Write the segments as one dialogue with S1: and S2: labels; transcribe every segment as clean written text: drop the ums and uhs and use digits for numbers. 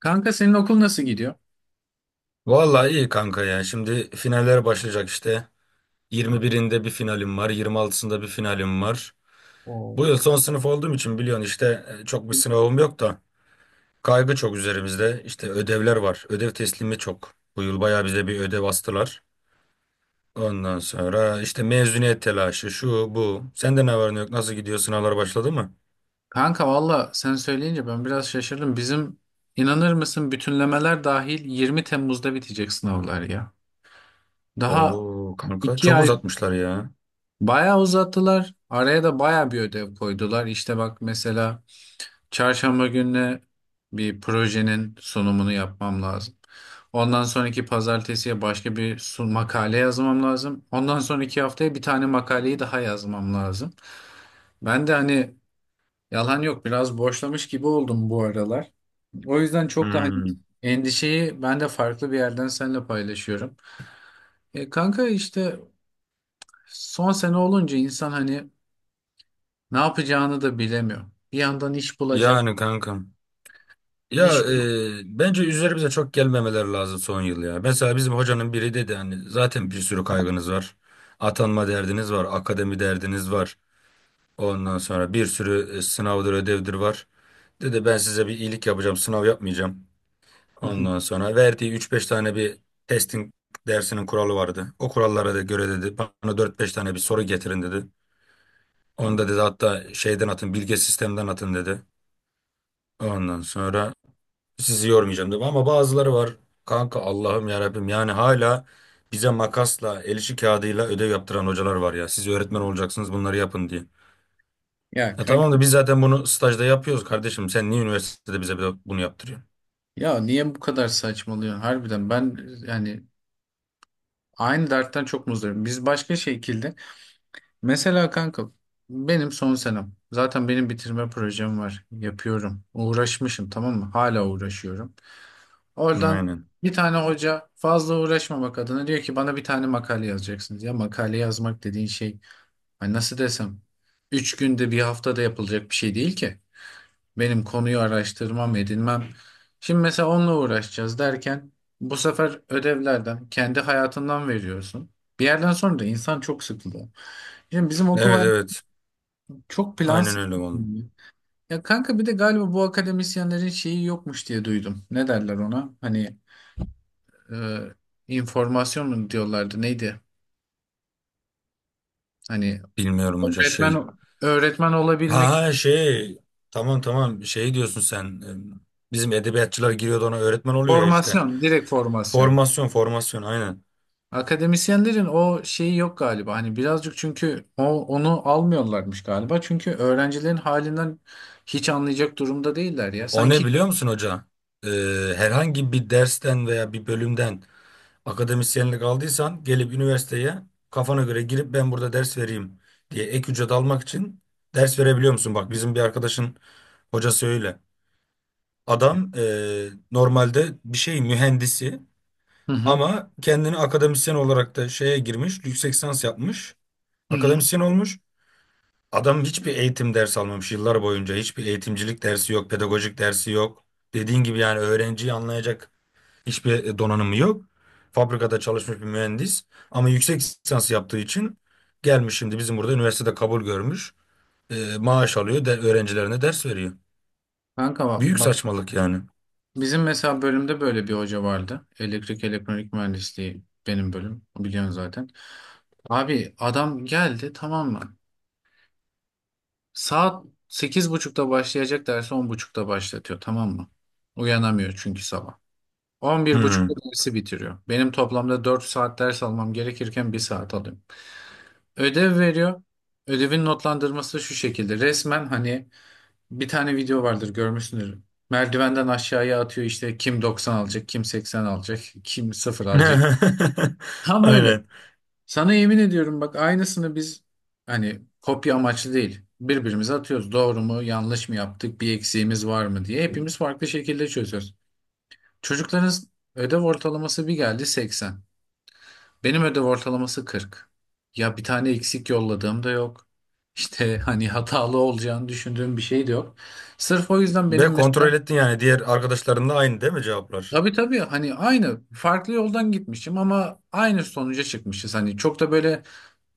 S1: Kanka, senin okul nasıl gidiyor?
S2: Vallahi iyi kanka ya. Şimdi finaller başlayacak işte. 21'inde bir finalim var, 26'sında bir finalim var.
S1: Oo.
S2: Bu yıl son sınıf olduğum için biliyorsun işte çok bir sınavım yok da kaygı çok üzerimizde. İşte ödevler var. Ödev teslimi çok. Bu yıl bayağı bize bir ödev astılar. Ondan sonra işte mezuniyet telaşı, şu bu. Sende ne var ne yok? Nasıl gidiyor? Sınavlar başladı mı?
S1: Kanka, valla sen söyleyince ben biraz şaşırdım. Bizim, inanır mısın, bütünlemeler dahil 20 Temmuz'da bitecek sınavlar ya. Daha
S2: Oo kanka
S1: iki
S2: çok
S1: ay
S2: uzatmışlar ya.
S1: bayağı uzattılar. Araya da bayağı bir ödev koydular. İşte bak, mesela çarşamba gününe bir projenin sunumunu yapmam lazım. Ondan sonraki pazartesiye başka bir makale yazmam lazım. Ondan sonraki haftaya bir tane makaleyi daha yazmam lazım. Ben de hani, yalan yok, biraz boşlamış gibi oldum bu aralar. O yüzden çok da hani
S2: Hmm.
S1: endişeyi ben de farklı bir yerden seninle paylaşıyorum. Kanka işte son sene olunca insan hani ne yapacağını da bilemiyor. Bir yandan iş bulacak,
S2: Yani kankam. Ya
S1: iş
S2: bence üzerimize çok gelmemeleri lazım son yıl ya. Mesela bizim hocanın biri dedi hani zaten bir sürü kaygınız var. Atanma derdiniz var, akademi derdiniz var. Ondan sonra bir sürü sınavdır, ödevdir var. Dedi ben size bir iyilik yapacağım, sınav yapmayacağım. Ondan sonra verdiği üç beş tane bir testing dersinin kuralı vardı. O kurallara da göre dedi bana dört beş tane bir soru getirin dedi. Onu da dedi hatta şeyden atın, bilge sistemden atın dedi. Ondan sonra sizi yormayacağım dedim ama bazıları var. Kanka Allah'ım ya Rabbim yani hala bize makasla, el işi kağıdıyla ödev yaptıran hocalar var ya. Siz öğretmen olacaksınız bunları yapın diye.
S1: Ya
S2: Ya
S1: kanka,
S2: tamam da biz zaten bunu stajda yapıyoruz kardeşim. Sen niye üniversitede bize bunu yaptırıyorsun?
S1: ya niye bu kadar saçmalıyorsun harbiden? Ben, yani, aynı dertten çok muzdarım. Biz başka şekilde, mesela kanka, benim son senem zaten, benim bitirme projem var, yapıyorum, uğraşmışım, tamam mı, hala uğraşıyorum. Oradan
S2: Aynen.
S1: bir tane hoca, fazla uğraşma bak adına, diyor ki bana bir tane makale yazacaksınız. Ya makale yazmak dediğin şey, hani nasıl desem, 3 günde bir haftada yapılacak bir şey değil ki. Benim konuyu araştırmam, edinmem. Şimdi mesela onunla uğraşacağız derken, bu sefer ödevlerden kendi hayatından veriyorsun. Bir yerden sonra da insan çok sıkılıyor. Şimdi bizim okul
S2: Evet,
S1: hayatı
S2: evet.
S1: çok
S2: Aynen
S1: plansız.
S2: öyle oldu.
S1: Ya kanka, bir de galiba bu akademisyenlerin şeyi yokmuş diye duydum. Ne derler ona? Hani, e, informasyon mu diyorlardı, neydi? Hani
S2: Bilmiyorum hoca şey.
S1: öğretmen
S2: Ha
S1: olabilmek,
S2: ha, şey. Tamam, tamam, şey diyorsun sen. Bizim edebiyatçılar giriyordu ona öğretmen oluyor ya işte.
S1: formasyon, direkt formasyon.
S2: Formasyon, formasyon, aynen.
S1: Akademisyenlerin o şeyi yok galiba. Hani birazcık, çünkü o, onu almıyorlarmış galiba. Çünkü öğrencilerin halinden hiç anlayacak durumda değiller ya.
S2: O ne
S1: Sanki.
S2: biliyor musun hoca? Ee, Herhangi bir dersten veya bir bölümden akademisyenlik aldıysan gelip üniversiteye kafana göre girip ben burada ders vereyim diye ek ücret almak için ders verebiliyor musun? Bak bizim bir arkadaşın hocası öyle. Adam normalde bir şey mühendisi
S1: Hı hı.
S2: ama kendini akademisyen olarak da şeye girmiş, yüksek lisans yapmış,
S1: Hı hı.
S2: akademisyen olmuş. Adam hiçbir eğitim ders almamış yıllar boyunca. Hiçbir eğitimcilik dersi yok, pedagojik dersi yok. Dediğin gibi yani öğrenciyi anlayacak hiçbir donanımı yok. Fabrikada çalışmış bir mühendis ama yüksek lisans yaptığı için gelmiş şimdi bizim burada üniversitede kabul görmüş. Maaş alıyor, öğrencilerine ders veriyor.
S1: Kanka bak,
S2: Büyük
S1: bak,
S2: saçmalık yani.
S1: bizim mesela bölümde böyle bir hoca vardı. Elektrik elektronik mühendisliği benim bölüm, biliyorsun zaten. Abi adam geldi, tamam mı? Saat 8.30'da başlayacak dersi 10.30'da başlatıyor, tamam mı? Uyanamıyor çünkü sabah. 11.30'da
S2: Hmm.
S1: dersi bitiriyor. Benim toplamda 4 saat ders almam gerekirken bir saat alıyorum. Ödev veriyor. Ödevin notlandırması şu şekilde: resmen hani, bir tane video vardır görmüşsündür, merdivenden aşağıya atıyor işte, kim 90 alacak, kim 80 alacak, kim 0 alacak. Tam öyle.
S2: Aynen.
S1: Sana yemin ediyorum, bak aynısını biz, hani kopya amaçlı değil, birbirimize atıyoruz. Doğru mu yanlış mı yaptık, bir eksiğimiz var mı diye hepimiz farklı şekilde çözüyoruz. Çocukların ödev ortalaması bir geldi 80. Benim ödev ortalaması 40. Ya bir tane eksik yolladığım da yok. İşte hani hatalı olacağını düşündüğüm bir şey de yok. Sırf o yüzden
S2: Ve
S1: benim
S2: kontrol
S1: mesela.
S2: ettin yani diğer arkadaşlarınla aynı değil mi cevaplar?
S1: Tabii tabii, hani aynı, farklı yoldan gitmişim ama aynı sonuca çıkmışız. Hani çok da böyle,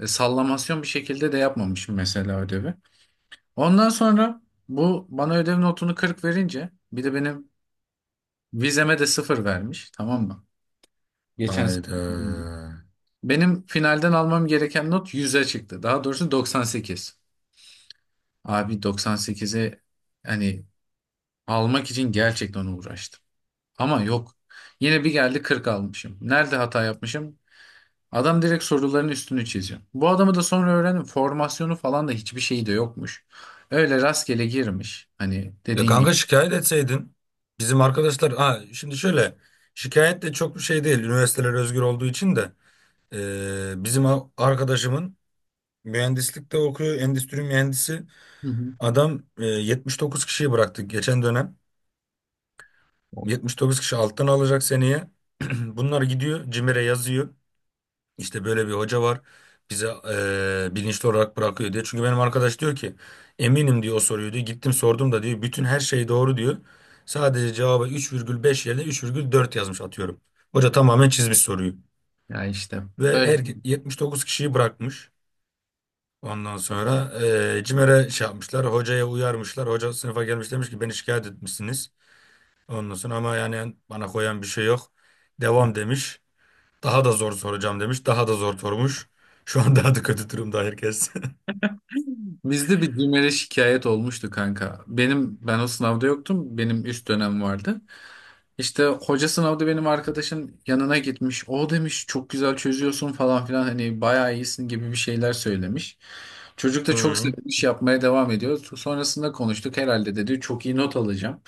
S1: Sallamasyon bir şekilde de yapmamışım mesela ödevi. Ondan sonra bu bana ödev notunu 40 verince, bir de benim vizeme de 0 vermiş, tamam mı? Geçen sene.
S2: Hayda.
S1: Benim finalden almam gereken not 100'e çıktı. Daha doğrusu 98. Abi, 98'e hani almak için gerçekten uğraştım. Ama yok. Yine bir geldi, 40 almışım. Nerede hata yapmışım? Adam direkt soruların üstünü çiziyor. Bu adamı da sonra öğrendim, formasyonu falan da hiçbir şeyi de yokmuş. Öyle rastgele girmiş, hani
S2: Ya
S1: dediğin gibi.
S2: kanka şikayet etseydin bizim arkadaşlar ha şimdi şöyle şikayet de çok bir şey değil üniversiteler özgür olduğu için de. Bizim arkadaşımın mühendislikte okuyor endüstri mühendisi
S1: Hı hı.
S2: adam 79 kişiyi bıraktık geçen dönem. 79 kişi alttan alacak seneye bunlar gidiyor CİMER'e yazıyor. İşte böyle bir hoca var bize bilinçli olarak bırakıyor diye. Çünkü benim arkadaş diyor ki eminim diyor o soruyu diyor. Gittim sordum da diyor bütün her şey doğru diyor. Sadece cevaba 3,5 yerine 3,4 yazmış atıyorum. Hoca tamamen çizmiş soruyu.
S1: Ya işte
S2: Ve
S1: böyle.
S2: her 79 kişiyi bırakmış. Ondan sonra CİMER'e şey yapmışlar. Hocaya uyarmışlar. Hoca sınıfa gelmiş demiş ki beni şikayet etmişsiniz. Ondan sonra ama yani bana koyan bir şey yok. Devam demiş. Daha da zor soracağım demiş. Daha da zor sormuş. Şu an daha da kötü durumda herkes.
S1: Bizde bir CİMER'e şikayet olmuştu kanka. Benim, ben o sınavda yoktum, benim üst dönem vardı. İşte hoca sınavda benim arkadaşın yanına gitmiş. O demiş çok güzel çözüyorsun falan filan, hani bayağı iyisin gibi bir şeyler söylemiş. Çocuk da çok
S2: Hı.
S1: sevinmiş, yapmaya devam ediyor. Sonrasında konuştuk, herhalde dedi çok iyi not alacağım.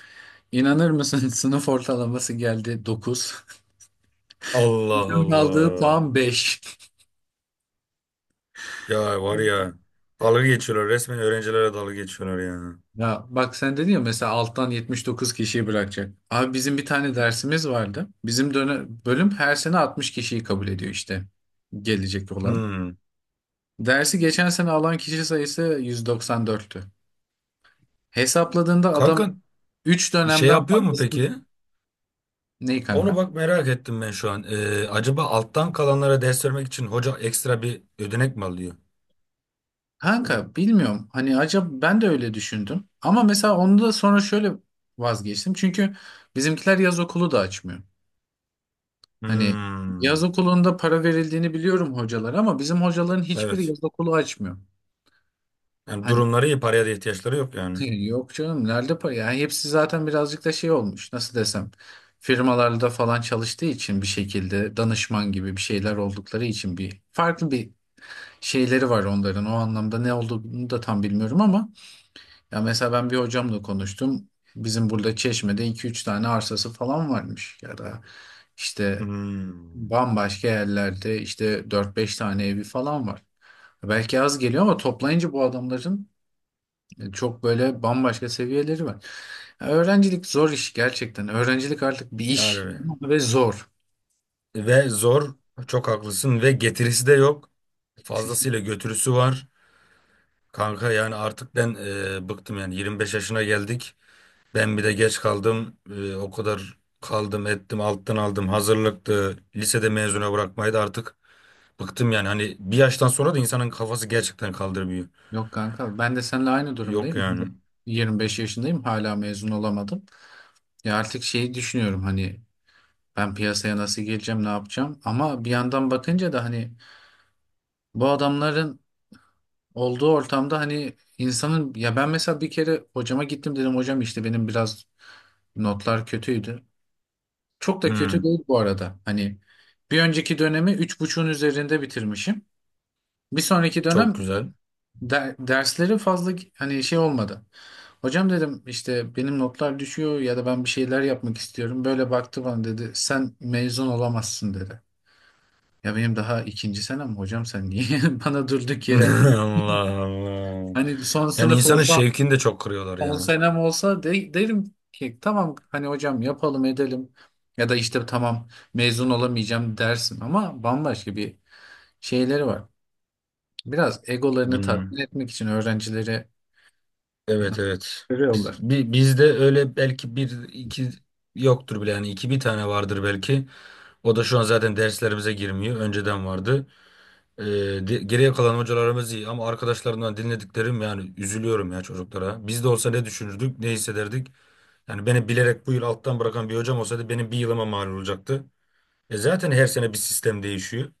S1: İnanır mısın, sınıf ortalaması geldi 9.
S2: Allah,
S1: Bütün aldığı
S2: Allah.
S1: puan 5.
S2: Ya var ya. Dalga geçiyorlar. Resmen öğrencilere dalga geçiyorlar ya.
S1: Ya bak sen dedin ya, mesela alttan 79 kişiyi bırakacak. Abi, bizim bir tane dersimiz vardı. Bizim dönem, bölüm her sene 60 kişiyi kabul ediyor işte, gelecek olan.
S2: Hı.
S1: Dersi geçen sene alan kişi sayısı 194'tü. Hesapladığında adam
S2: Kanka
S1: 3
S2: bir şey
S1: dönemden
S2: yapıyor mu
S1: fazlasını...
S2: peki?
S1: Neyi
S2: Onu
S1: kanka?
S2: bak merak ettim ben şu an. Acaba alttan kalanlara ders vermek için hoca ekstra bir ödenek mi alıyor?
S1: Kanka bilmiyorum. Hani acaba, ben de öyle düşündüm. Ama mesela onu da sonra şöyle vazgeçtim. Çünkü bizimkiler yaz okulu da açmıyor. Hani yaz
S2: Hmm.
S1: okulunda para verildiğini biliyorum hocalar, ama bizim hocaların hiçbiri
S2: Evet.
S1: yaz okulu açmıyor.
S2: Yani
S1: Hani
S2: durumları iyi. Paraya da ihtiyaçları yok yani.
S1: yok canım, nerede para? Yani hepsi zaten birazcık da şey olmuş. Nasıl desem? Firmalarda falan çalıştığı için, bir şekilde danışman gibi bir şeyler oldukları için, bir farklı bir şeyleri var onların. O anlamda ne olduğunu da tam bilmiyorum ama. Ya mesela ben bir hocamla konuştum. Bizim burada Çeşme'de iki üç tane arsası falan varmış, ya da işte
S2: Hmm.
S1: bambaşka yerlerde, işte dört beş tane evi falan var. Belki az geliyor ama toplayınca bu adamların e, çok böyle bambaşka seviyeleri var. Ya öğrencilik zor iş gerçekten. Öğrencilik artık bir iş
S2: Yani.
S1: ve zor.
S2: Ve zor. Çok haklısın. Ve getirisi de yok. Fazlasıyla götürüsü var. Kanka yani artık ben bıktım yani 25 yaşına geldik. Ben bir de geç kaldım. O kadar kaldım ettim alttan aldım hazırlıktı. Lisede mezuna bırakmayı da artık bıktım yani. Hani bir yaştan sonra da insanın kafası gerçekten kaldırmıyor.
S1: Yok kanka, ben de seninle aynı
S2: Yok
S1: durumdayım.
S2: yani.
S1: 25 yaşındayım, hala mezun olamadım. Ya artık şeyi düşünüyorum, hani ben piyasaya nasıl gireceğim, ne yapacağım? Ama bir yandan bakınca da hani bu adamların olduğu ortamda hani insanın. Ya ben mesela bir kere hocama gittim, dedim hocam işte benim biraz notlar kötüydü. Çok da kötü
S2: Hmm,
S1: değil bu arada. Hani bir önceki dönemi 3,5'un üzerinde bitirmişim. Bir sonraki
S2: Çok
S1: dönem
S2: güzel.
S1: dersleri fazla hani şey olmadı. Hocam dedim, işte benim notlar düşüyor, ya da ben bir şeyler yapmak istiyorum. Böyle baktı bana, dedi sen mezun olamazsın dedi. Ya benim daha ikinci senem hocam, sen niye bana durduk yere?
S2: Allah, Allah.
S1: Hani son
S2: Yani
S1: sınıf
S2: insanın
S1: olsa,
S2: şevkini de çok kırıyorlar
S1: son senem olsa, de, derim ki tamam hani hocam yapalım edelim, ya da işte tamam mezun olamayacağım dersin, ama bambaşka bir şeyleri var. Biraz egolarını
S2: ya.
S1: tatmin etmek için öğrencileri
S2: Evet, evet.
S1: görüyorlar.
S2: Bizde öyle belki bir iki yoktur bile yani iki bir tane vardır belki. O da şu an zaten derslerimize girmiyor. Önceden vardı. Ee, Geriye kalan hocalarımız iyi ama arkadaşlarımdan dinlediklerim yani üzülüyorum ya çocuklara. Biz de olsa ne düşünürdük, ne hissederdik? Yani beni bilerek bu yıl alttan bırakan bir hocam olsaydı benim bir yılıma mal olacaktı. E zaten her sene bir sistem değişiyor.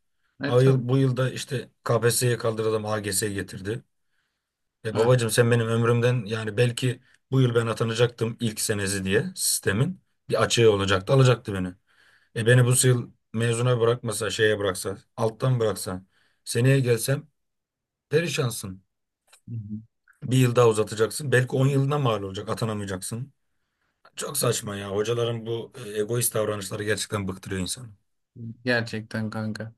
S1: E tabii.
S2: Bu yılda işte KPSS'ye kaldıralım AGS getirdi. E
S1: Ha.
S2: babacığım sen benim ömrümden yani belki bu yıl ben atanacaktım ilk senesi diye sistemin bir açığı olacaktı alacaktı beni. E beni bu yıl mezuna bırakmasa şeye bıraksa alttan bıraksa seneye gelsem perişansın.
S1: Hı hı.
S2: Bir yıl daha uzatacaksın belki 10 yılına mal olacak atanamayacaksın. Çok saçma ya hocaların bu egoist davranışları gerçekten bıktırıyor insanı.
S1: Gerçekten kanka.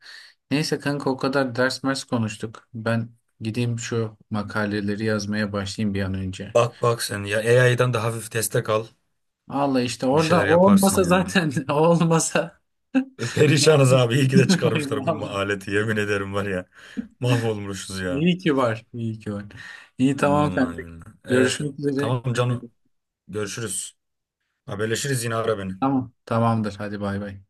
S1: Neyse kanka, o kadar ders mers konuştuk. Ben gideyim şu makaleleri yazmaya başlayayım bir an önce.
S2: Bak, bak sen ya AI'dan da hafif destek al
S1: Vallahi işte
S2: bir
S1: orada
S2: şeyler
S1: o
S2: yaparsın
S1: olmasa
S2: ya.
S1: zaten o olmasa
S2: Perişanız abi. İyi ki de
S1: Ay,
S2: çıkarmışlar bu
S1: vallahi.
S2: aleti. Yemin ederim var ya. Mahvolmuşuz ya.
S1: İyi ki var. İyi ki var. İyi, tamam
S2: Vallahi
S1: kanka.
S2: billahi.
S1: Görüşmek üzere.
S2: Tamam Canu. Görüşürüz. Haberleşiriz yine ara beni.
S1: Tamam. Tamamdır. Hadi bay bay.